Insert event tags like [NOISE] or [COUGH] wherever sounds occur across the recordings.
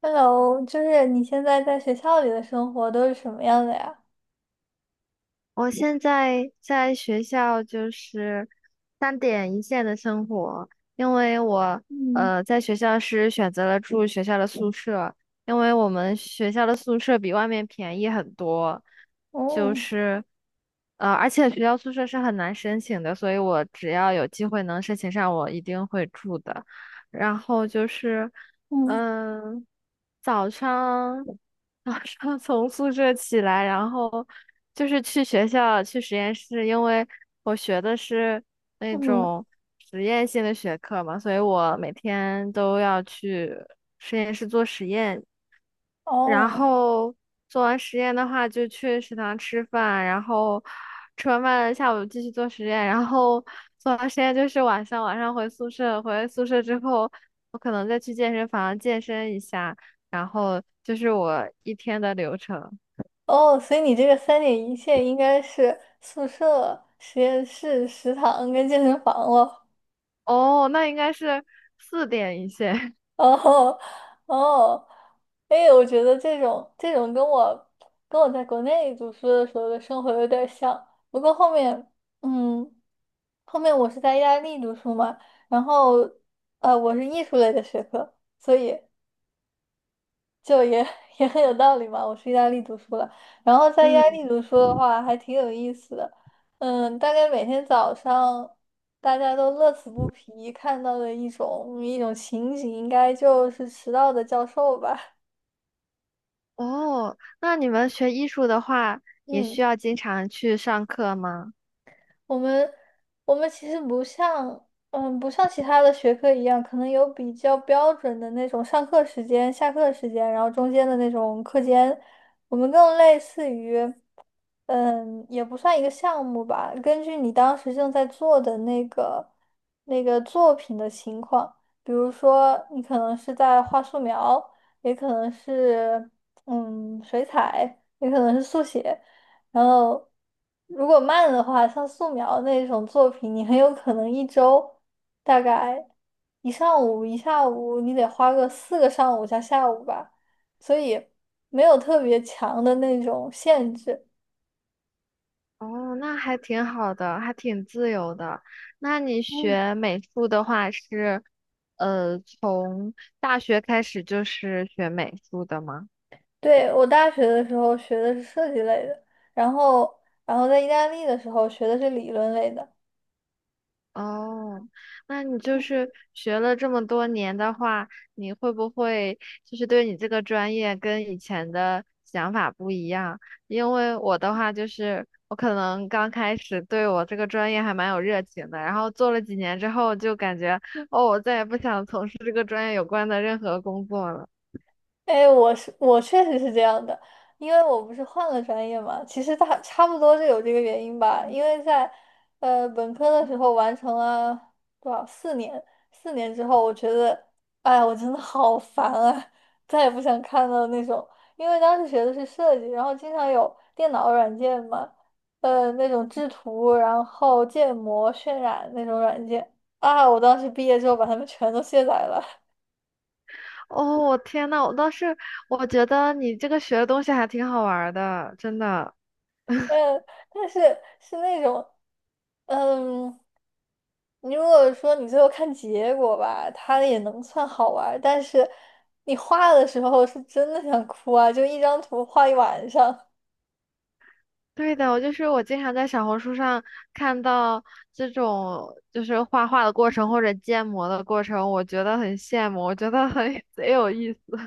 Hello，就是你现在在学校里的生活都是什么样的呀？我现在在学校就是三点一线的生活，因为我嗯。在学校是选择了住学校的宿舍，因为我们学校的宿舍比外面便宜很多，就哦。是而且学校宿舍是很难申请的，所以我只要有机会能申请上，我一定会住的。然后就是嗯嗯、早上。[LAUGHS] 早上从宿舍起来，然后就是去学校去实验室，因为我学的是那嗯。种实验性的学科嘛，所以我每天都要去实验室做实验。然哦后做完实验的话，就去食堂吃饭，然后吃完饭下午继续做实验，然后做完实验就是晚上，晚上回宿舍，回宿舍之后，我可能再去健身房健身一下，然后就是我一天的流程。哦，所以你这个三点一线应该是宿舍、实验室、食堂跟健身房了。哦，那应该是四点一线。[LAUGHS] 哦哦，哎，我觉得这种跟我跟我在国内读书的时候的生活有点像，不过后面嗯。后面我是在意大利读书嘛，然后我是艺术类的学科，所以就也 [LAUGHS] 也很有道理嘛。我去意大利读书了，然后在意大嗯，利读书的话还挺有意思的。嗯，大概每天早上大家都乐此不疲看到的一种情景，应该就是迟到的教授吧。哦，那你们学艺术的话，[LAUGHS] 也需嗯，要经常去上课吗？我们我们其实不像。嗯，不像其他的学科一样，可能有比较标准的那种上课时间、下课时间，然后中间的那种课间，我们更类似于。嗯，也不算一个项目吧。根据你当时正在做的那个作品的情况，比如说你可能是在画素描，也可能是嗯水彩，也可能是速写。然后如果慢的话，像素描那种作品，你很有可能一周大概一上午一下午，你得花个四个上午加下午吧。所以没有特别强的那种限制。哦，那还挺好的，还挺自由的。那你嗯。学美术的话是，呃，从大学开始就是学美术的吗？对，我大学的时候学的是设计类的，然后然后在意大利的时候学的是理论类的。哦，那你就是学了这么多年的话，你会不会就是对你这个专业跟以前的想法不一样？因为我的话就是，我可能刚开始对我这个专业还蛮有热情的，然后做了几年之后就感觉，哦，我再也不想从事这个专业有关的任何工作了。哎，我确实是这样的，因为我不是换了专业嘛，其实大差不多就有这个原因吧。因为在本科的时候完成了多少四年，四年之后，我觉得，哎，我真的好烦啊，再也不想看到那种。因为当时学的是设计，然后经常有电脑软件嘛，那种制图，然后建模、渲染那种软件啊，我当时毕业之后把它们全都卸载了。哦，我天呐，我倒是我觉得你这个学的东西还挺好玩儿的，真的。嗯，但是是那种，嗯，你如果说你最后看结果吧，它也能算好玩儿，但是你画的时候是真的想哭啊，就一张图画一晚上。对的，我就是我经常在小红书上看到这种就是画画的过程或者建模的过程，我觉得很羡慕，我觉得很 [LAUGHS] 贼有意思。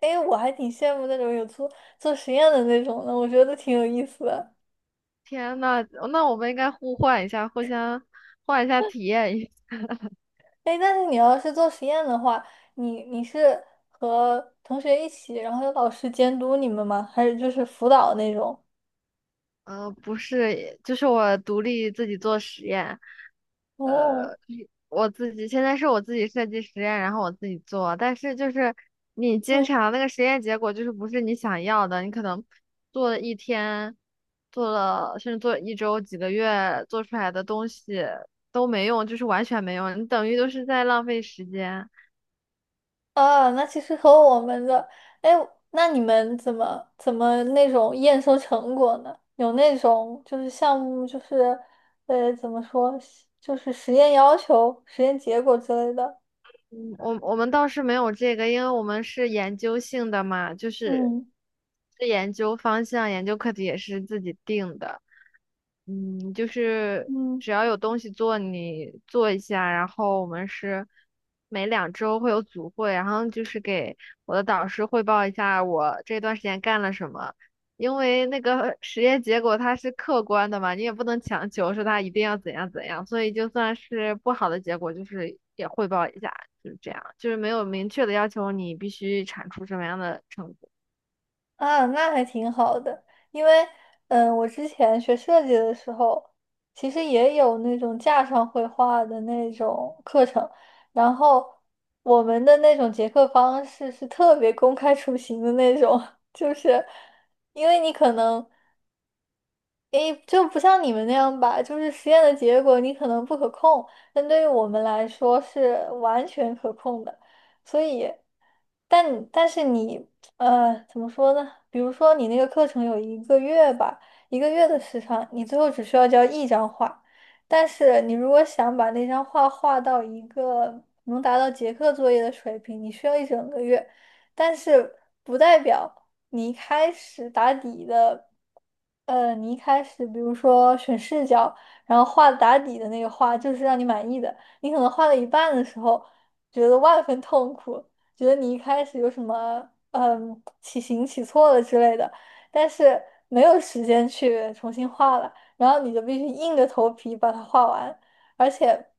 哎，我还挺羡慕那种有做实验的那种的，我觉得挺有意思的。天呐，那我们应该互换一下，互相换一下体验一下哎，但是你要是做实验的话，你是和同学一起，然后有老师监督你们吗？还是就是辅导那种？呃，不是，就是我独立自己做实验，哦。呃，我自己现在是我自己设计实验，然后我自己做，但是就是你经嗯。常那个实验结果就是不是你想要的，你可能做了一天，做了甚至做一周、几个月，做出来的东西都没用，就是完全没用，你等于都是在浪费时间。啊，那其实和我们的，哎，那你们怎么那种验收成果呢？有那种就是项目就是，呃，怎么说，就是实验要求、实验结果之类的。我们倒是没有这个，因为我们是研究性的嘛，就是嗯。是研究方向、研究课题也是自己定的。嗯，就是嗯。只要有东西做，你做一下。然后我们是每2周会有组会，然后就是给我的导师汇报一下我这段时间干了什么。因为那个实验结果它是客观的嘛，你也不能强求说它一定要怎样怎样，所以就算是不好的结果，就是也汇报一下，就是这样，就是没有明确的要求你必须产出什么样的成果。啊，那还挺好的，因为嗯，我之前学设计的时候，其实也有那种架上绘画的那种课程，然后我们的那种结课方式是特别公开出行的那种，[LAUGHS] 就是因为你可能。诶，就不像你们那样吧，就是实验的结果你可能不可控，但对于我们来说是完全可控的。所以，但是你怎么说呢？比如说你那个课程有一个月吧，一个月的时长，你最后只需要交一张画。但是你如果想把那张画画到一个能达到结课作业的水平，你需要一整个月。但是不代表。你一开始打底的，呃，你一开始比如说选视角，然后画打底的那个画就是让你满意的，你可能画了一半的时候觉得万分痛苦，觉得你一开始有什么嗯起形起错了之类的，但是没有时间去重新画了，然后你就必须硬着头皮把它画完，而且。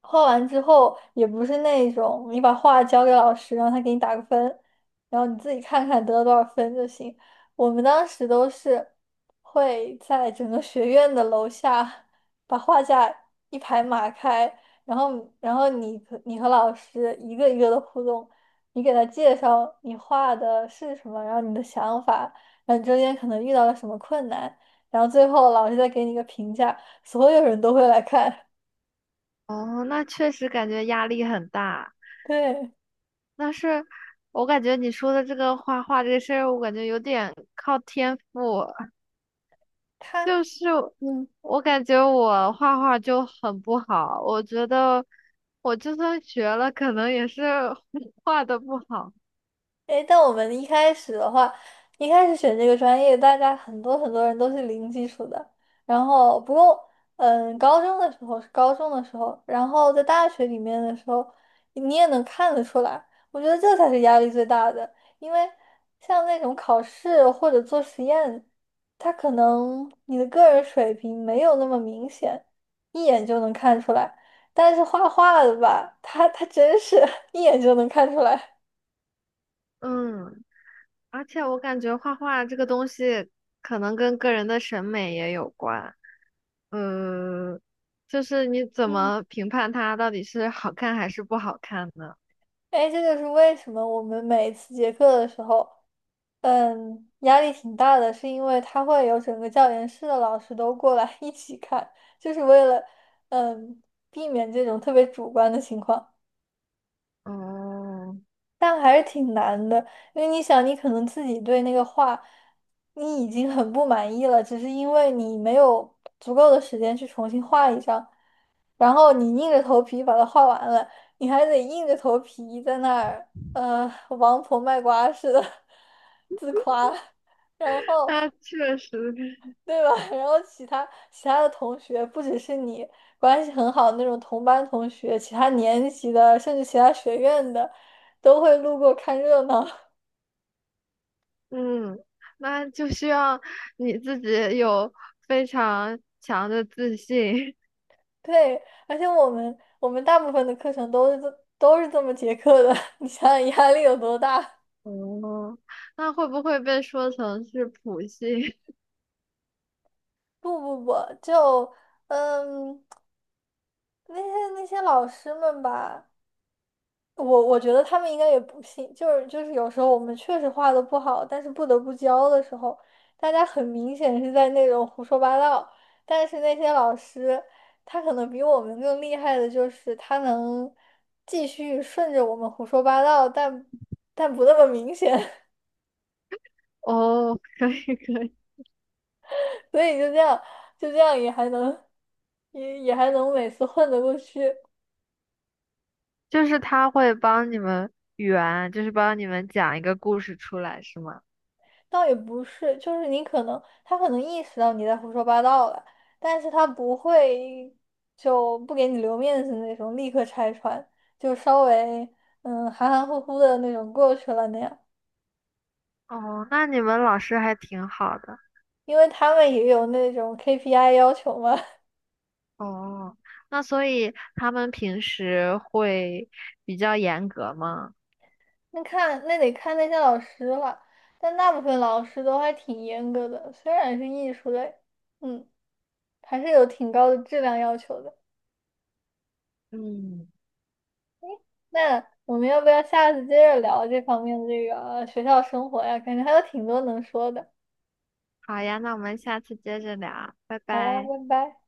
画完之后也不是那种你把画交给老师让他给你打个分，然后你自己看看得了多少分就行。我们当时都是会在整个学院的楼下把画架一排码开，然后你和你和老师一个一个的互动，你给他介绍你画的是什么，然后你的想法，然后你中间可能遇到了什么困难，然后最后老师再给你一个评价，所有人都会来看。哦，那确实感觉压力很大。[LAUGHS] 对，但是我感觉你说的这个画画这个事儿，我感觉有点靠天赋。他。就是嗯，我感觉我画画就很不好，我觉得我就算学了，可能也是 [LAUGHS] 画的不好。诶，但我们一开始的话，一开始选这个专业，大家很多人都是零基础的。然后，不过，嗯，高中的时候是高中的时候，然后在大学里面的时候，你也能看得出来。我觉得这才是压力最大的，因为像那种考试或者做实验，他可能你的个人水平没有那么明显，一眼就能看出来。但是画画的吧，他真是 [LAUGHS] 一眼就能看出来。嗯，而且我感觉画画这个东西可能跟个人的审美也有关。嗯，就是你怎嗯。么评判它到底是好看还是不好看呢？哎，这就是为什么我们每一次结课的时候，嗯，压力挺大的，是因为他会有整个教研室的老师都过来 [LAUGHS] 一起看，就是为了，嗯，避免这种特别主观的情况。哦，但还是挺难的，因为你想，你可能自己对那个画，你已经很不满意了，只是因为你没有足够的时间去重新画一张，然后你硬着头皮把它画完了，你还得硬着头皮在那儿呃王婆卖瓜似的 [LAUGHS] 自夸，然后那确实。对吧？[LAUGHS] 然后其他的同学不只是你关系很好的那种同班同学，其他年级的甚至其他学院的都会路过看热闹。[LAUGHS] 嗯，那就需要你自己有非常强的自信。对，而且我们大部分的课程都是都是这么结课的，[LAUGHS] 你想想压力有多大？[LAUGHS] 哦，那会不会被说成是普信 不不不，就嗯。那些老师们吧，我觉得他们应该也不信，就是有时候我们确实画的不好，但是不得不教的时候，大家很明显是在那种胡说八道，但是那些老师他可能比我们更厉害的就是他能继续顺着我们胡说八道，但不那么明显。[LAUGHS] 哦，可以可以，[LAUGHS] 所以就这样也还能也还能每次混得过去。就是他会帮你们圆，就是帮你们讲一个故事出来，是吗？倒也不是，就是你可能他可能意识到你在胡说八道了，但是他不会就不给你留面子那种，立刻拆穿，就稍微嗯含含糊糊的那种过去了那样，哦，那你们老师还挺好的。因为他们也有那种 KPI 要求嘛。哦，那所以他们平时会比较严格吗？[LAUGHS] 那那得看那些老师了，但大部分老师都还挺严格的，虽然是艺术类，嗯，还是有挺高的质量要求的。嗯，那我们要不要下次接着聊这方面这个学校生活呀？感觉还有挺多能说的。好呀，那我们下次接着聊，拜好呀，拜拜。拜。